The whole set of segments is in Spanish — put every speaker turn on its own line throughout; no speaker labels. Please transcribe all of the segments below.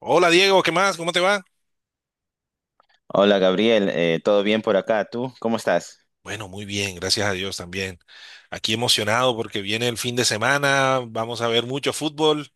Hola Diego, ¿qué más? ¿Cómo te va?
Hola Gabriel. ¿Todo bien por acá? ¿Tú cómo estás?
Bueno, muy bien, gracias a Dios también. Aquí emocionado porque viene el fin de semana, vamos a ver mucho fútbol.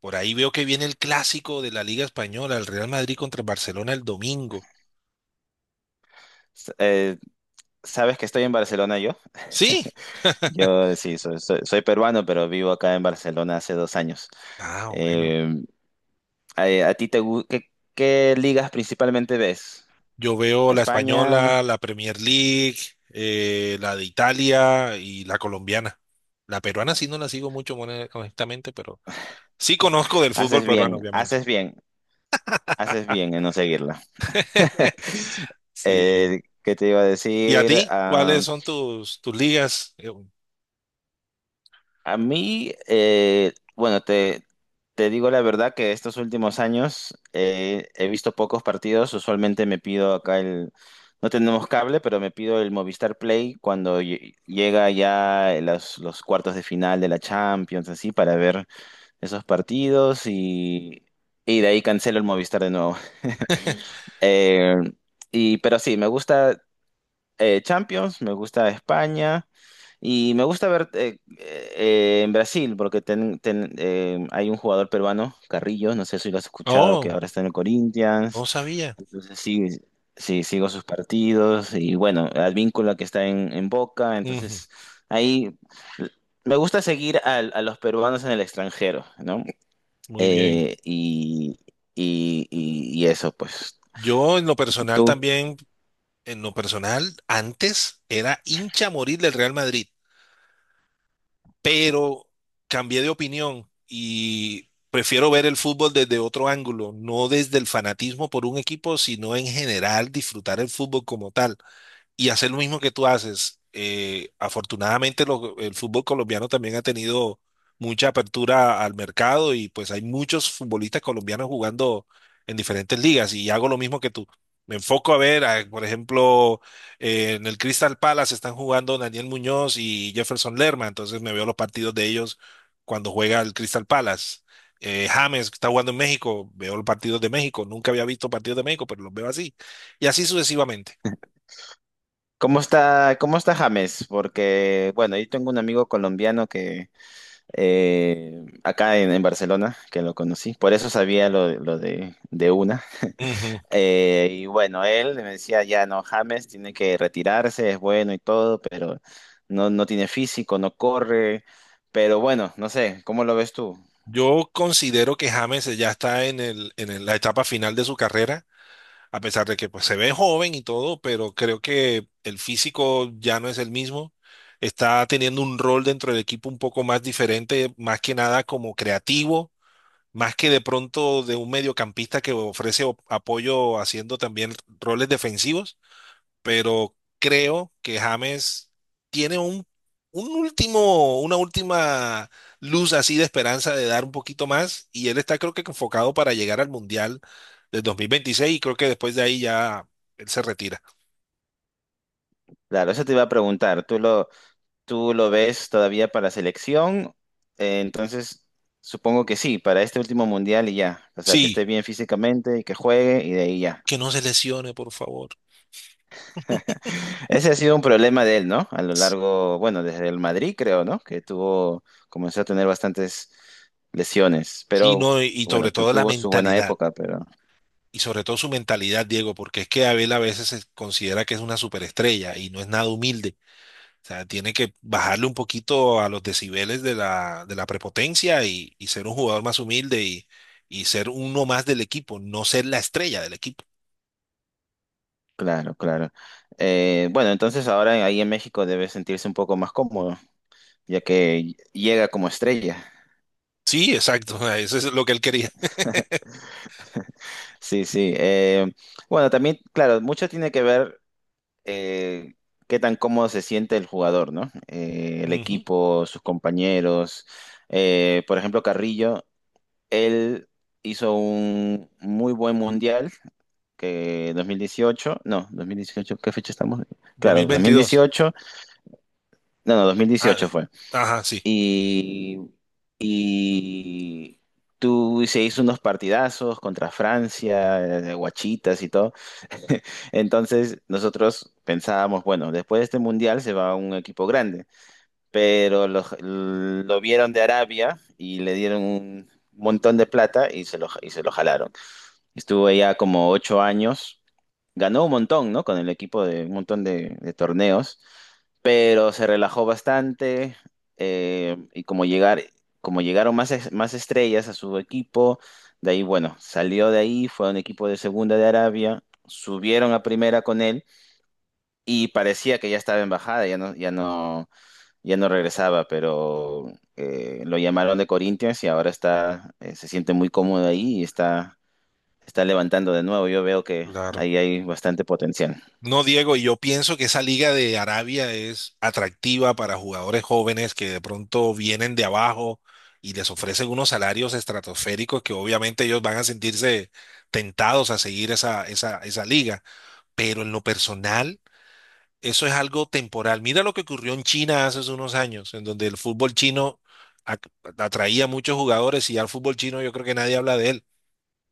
Por ahí veo que viene el clásico de la Liga Española, el Real Madrid contra el Barcelona el domingo.
S- eh, ¿Sabes que estoy en Barcelona yo?
Sí.
Yo sí, soy, soy peruano, pero vivo acá en Barcelona hace 2 años.
Ah, bueno.
Em, a ti qué ligas principalmente ves?
Yo veo la
España,
española, la Premier League, la de Italia y la colombiana. La peruana sí no la sigo mucho, honestamente, pero sí conozco del fútbol
haces
peruano,
bien,
obviamente.
haces bien, haces bien en no seguirla.
Sí.
¿Qué te iba a
¿Y a
decir?
ti? ¿Cuáles son tus ligas?
A mí, bueno, te digo la verdad que estos últimos años he visto pocos partidos. Usualmente me pido acá No tenemos cable, pero me pido el Movistar Play cuando llega ya los cuartos de final de la Champions, así, para ver esos partidos y de ahí cancelo el Movistar de nuevo. Eh, pero sí, me gusta Champions, me gusta España y me gusta ver en Brasil porque hay un jugador peruano, Carrillo, no sé si lo has escuchado, que
Oh,
ahora está en el
no
Corinthians.
sabía.
Entonces sí, sí, sigo sus partidos y bueno, Advíncula que está en Boca.
Ujú.
Entonces ahí me gusta seguir a los peruanos en el extranjero, ¿no?
Muy bien.
Eh, y, y eso, pues.
Yo en lo personal
¿Tú?
también, antes era hincha a morir del Real Madrid, pero cambié de opinión y prefiero ver el fútbol desde otro ángulo, no desde el fanatismo por un equipo, sino en general disfrutar el fútbol como tal. Y hacer lo mismo que tú haces. Afortunadamente el fútbol colombiano también ha tenido mucha apertura al mercado y pues hay muchos futbolistas colombianos jugando en diferentes ligas y hago lo mismo que tú. Me enfoco a ver, por ejemplo, en el Crystal Palace están jugando Daniel Muñoz y Jefferson Lerma, entonces me veo los partidos de ellos cuando juega el Crystal Palace. James que está jugando en México, veo los partidos de México, nunca había visto partidos de México, pero los veo así, y así sucesivamente.
Cómo está James? Porque, bueno, yo tengo un amigo colombiano que acá en Barcelona, que lo conocí, por eso sabía lo de una. Y bueno, él me decía, ya no, James tiene que retirarse, es bueno y todo, pero no, no tiene físico, no corre, pero bueno, no sé, ¿cómo lo ves tú?
Yo considero que James ya está la etapa final de su carrera, a pesar de que pues, se ve joven y todo, pero creo que el físico ya no es el mismo. Está teniendo un rol dentro del equipo un poco más diferente, más que nada como creativo, más que de pronto de un mediocampista que ofrece apoyo haciendo también roles defensivos. Pero creo que James tiene un último, una última luz así de esperanza de dar un poquito más y él está creo que enfocado para llegar al Mundial del 2026 y creo que después de ahí ya él se retira.
Claro, eso te iba a preguntar, ¿tú lo ves todavía para selección? Eh, entonces, Supongo que sí, para este último mundial y ya. O sea, que esté
Sí,
bien físicamente y que juegue y de ahí ya.
que no se lesione, por favor.
Ese ha sido un problema de él, ¿no? A lo largo, bueno, desde el Madrid creo, ¿no? Que tuvo, comenzó a tener bastantes lesiones,
Sí,
pero
no, y
bueno,
sobre todo la
tuvo su buena
mentalidad.
época, pero
Y sobre todo su mentalidad, Diego, porque es que Abel a veces se considera que es una superestrella y no es nada humilde. O sea, tiene que bajarle un poquito a los decibeles de la prepotencia y ser un jugador más humilde y ser uno más del equipo, no ser la estrella del equipo.
claro, claro. Bueno, entonces ahora ahí en México debe sentirse un poco más cómodo, ya que llega como estrella.
Sí, exacto, o eso es lo que él quería.
Sí, sí. Bueno, también, claro, mucho tiene que ver eh, qué tan cómodo se siente el jugador, ¿no? El
Ujú,
equipo, sus compañeros. Por ejemplo, Carrillo, él hizo un muy buen mundial, que 2018. No, 2018. ¿Qué fecha estamos? Claro, dos mil
2022.
dieciocho. No, no, dos mil
Ah,
dieciocho fue.
ajá, sí,
Y, y tú se hizo unos partidazos contra Francia, guachitas y todo. Entonces nosotros pensábamos, bueno, después de este mundial se va un equipo grande, pero lo vieron de Arabia y le dieron un montón de plata y se lo, se lo jalaron. Estuvo allá como 8 años. Ganó un montón, ¿no? Con el equipo de un montón de torneos, pero se relajó bastante eh, y como llegar, como llegaron más, más estrellas a su equipo, de ahí, bueno, salió de ahí, fue a un equipo de segunda de Arabia, subieron a primera con él y parecía que ya estaba en bajada, ya no, ya no, ya no regresaba, pero lo llamaron de Corinthians y ahora está, se siente muy cómodo ahí y está levantando de nuevo. Yo veo que
claro.
ahí hay bastante potencial.
No, Diego, yo pienso que esa liga de Arabia es atractiva para jugadores jóvenes que de pronto vienen de abajo y les ofrecen unos salarios estratosféricos que obviamente ellos van a sentirse tentados a seguir esa liga. Pero en lo personal, eso es algo temporal. Mira lo que ocurrió en China hace unos años, en donde el fútbol chino ac- atraía a muchos jugadores y ya el fútbol chino yo creo que nadie habla de él.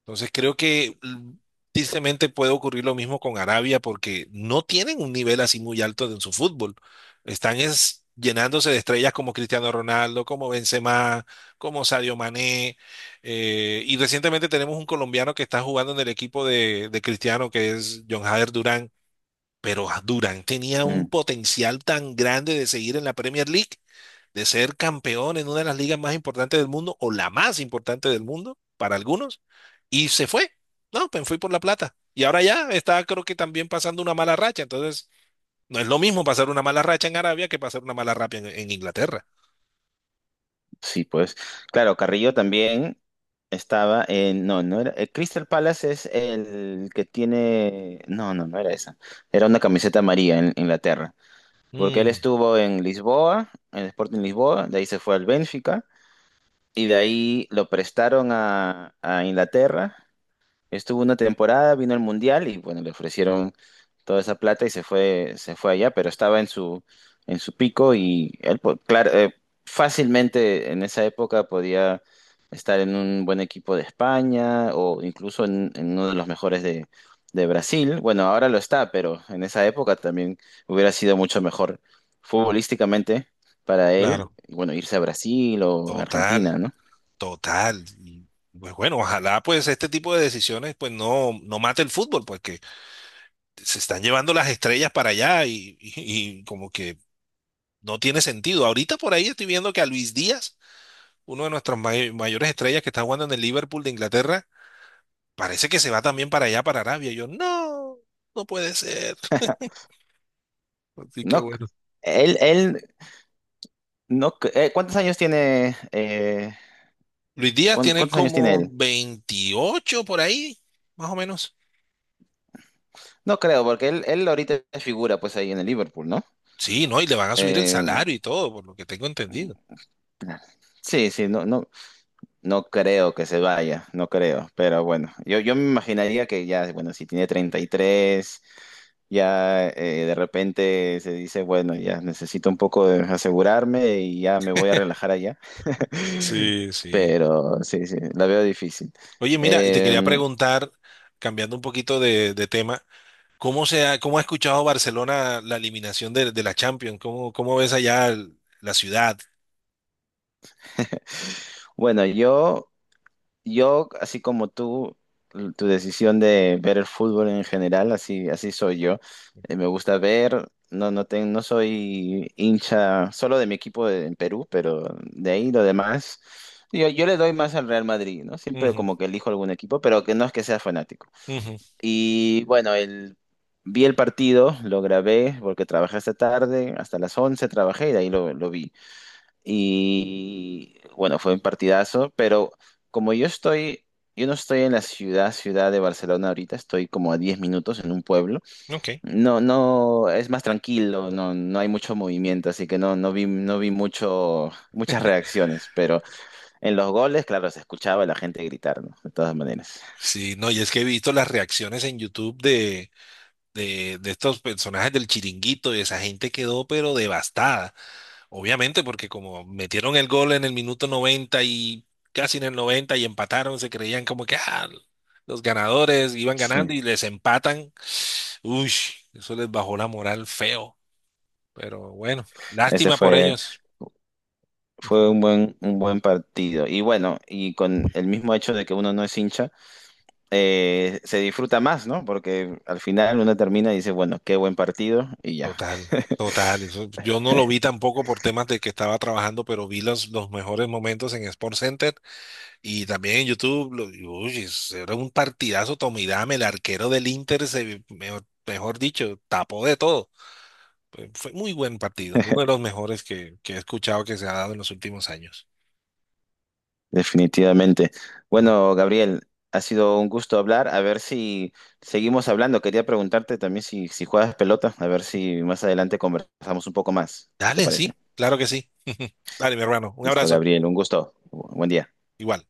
Entonces creo que tristemente puede ocurrir lo mismo con Arabia porque no tienen un nivel así muy alto en su fútbol. Están llenándose de estrellas como Cristiano Ronaldo, como Benzema, como Sadio Mané. Y recientemente tenemos un colombiano que está jugando en el equipo de Cristiano, que es John Jader Durán. Pero Durán tenía un
Mm,
potencial tan grande de seguir en la Premier League, de ser campeón en una de las ligas más importantes del mundo o la más importante del mundo para algunos, y se fue. No, pues fui por la plata. Y ahora ya está, creo que también pasando una mala racha. Entonces, no es lo mismo pasar una mala racha en Arabia que pasar una mala racha en Inglaterra.
sí, pues. Claro, Carrillo también estaba en. No, no era. Crystal Palace es el que tiene. No, no, no era esa. Era una camiseta amarilla en Inglaterra. Porque él
Mm,
estuvo en Lisboa, en el Sporting Lisboa, de ahí se fue al Benfica, y de ahí lo prestaron a Inglaterra. Estuvo una temporada, vino al Mundial y bueno, le ofrecieron toda esa plata y se fue allá, pero estaba en en su pico y él, claro, fácilmente en esa época podía estar en un buen equipo de España o incluso en uno de los mejores de Brasil. Bueno, ahora lo está, pero en esa época también hubiera sido mucho mejor futbolísticamente para él,
claro.
y bueno, irse a Brasil o Argentina,
Total,
¿no?
total. Y, pues bueno, ojalá pues este tipo de decisiones pues no, no mate el fútbol, porque se están llevando las estrellas para allá y como que no tiene sentido. Ahorita por ahí estoy viendo que a Luis Díaz, uno de nuestros mayores estrellas que está jugando en el Liverpool de Inglaterra, parece que se va también para allá, para Arabia. Yo, no, no puede ser. Así que
No,
bueno.
él no, ¿cuántos años tiene,
Luis Díaz tiene
cuántos años tiene
como
él?
28 por ahí, más o menos.
No creo, porque él ahorita figura pues ahí en el Liverpool, ¿no?
Sí, ¿no? Y le van a subir el
Eh,
salario y todo, por lo que tengo entendido.
sí, sí, no, no, no creo que se vaya, no creo, pero bueno, yo me imaginaría que ya, bueno, si tiene 33 ya de repente se dice, bueno, ya necesito un poco de asegurarme y ya me voy a relajar allá.
Sí, sí.
Pero sí, sí, la veo difícil.
Oye, mira, y te quería
Em,
preguntar, cambiando un poquito de tema. ¿Cómo ha escuchado Barcelona la eliminación de la Champions? ¿Cómo ves allá la ciudad?
bueno, yo... Yo, así como tú, tu decisión de ver el fútbol en general, así, así soy yo. Me gusta ver, no, no, no soy hincha solo de mi equipo en Perú, pero de ahí lo demás. Yo le doy más al Real Madrid, ¿no? Siempre
Ujú,
como que elijo algún equipo, pero que no es que sea fanático.
ujú,
Y bueno, el, Vi el partido, lo grabé porque trabajé hasta tarde, hasta las 11 trabajé y de ahí lo vi. Y bueno, fue un partidazo, pero como yo estoy, yo no estoy en la ciudad, ciudad de Barcelona ahorita, estoy como a 10 minutos en un pueblo.
ok.
No, no, es más tranquilo, no, no hay mucho movimiento, así que no, no vi, no vi mucho, muchas reacciones, pero en los goles, claro, se escuchaba a la gente gritar, ¿no? De todas maneras.
Sí, no, y es que he visto las reacciones en YouTube de estos personajes del Chiringuito y esa gente quedó pero devastada. Obviamente, porque como metieron el gol en el minuto 90 y casi en el 90 y empataron, se creían como que los ganadores iban
Sí,
ganando y les empatan. Uy, eso les bajó la moral feo. Pero bueno,
ese
lástima por
fue,
ellos.
fue un buen partido. Y bueno, y con el mismo hecho de que uno no es hincha, se disfruta más, ¿no? Porque al final uno termina y dice, bueno, qué buen partido y ya.
Total, total. Yo no lo vi tampoco por temas de que estaba trabajando, pero vi los mejores momentos en Sport Center y también en YouTube. Y, uy, eso era un partidazo. Tommy Dame, el arquero del Inter, mejor dicho, tapó de todo. Fue muy buen partido, uno de los mejores que he escuchado que se ha dado en los últimos años.
Definitivamente. Bueno, Gabriel, ha sido un gusto hablar. A ver si seguimos hablando. Quería preguntarte también si, si juegas pelota, a ver si más adelante conversamos un poco más. ¿Qué te
Dale,
parece?
sí, claro que sí. Dale, mi hermano, un
Listo,
abrazo.
Gabriel, un gusto. Buen día.
Igual.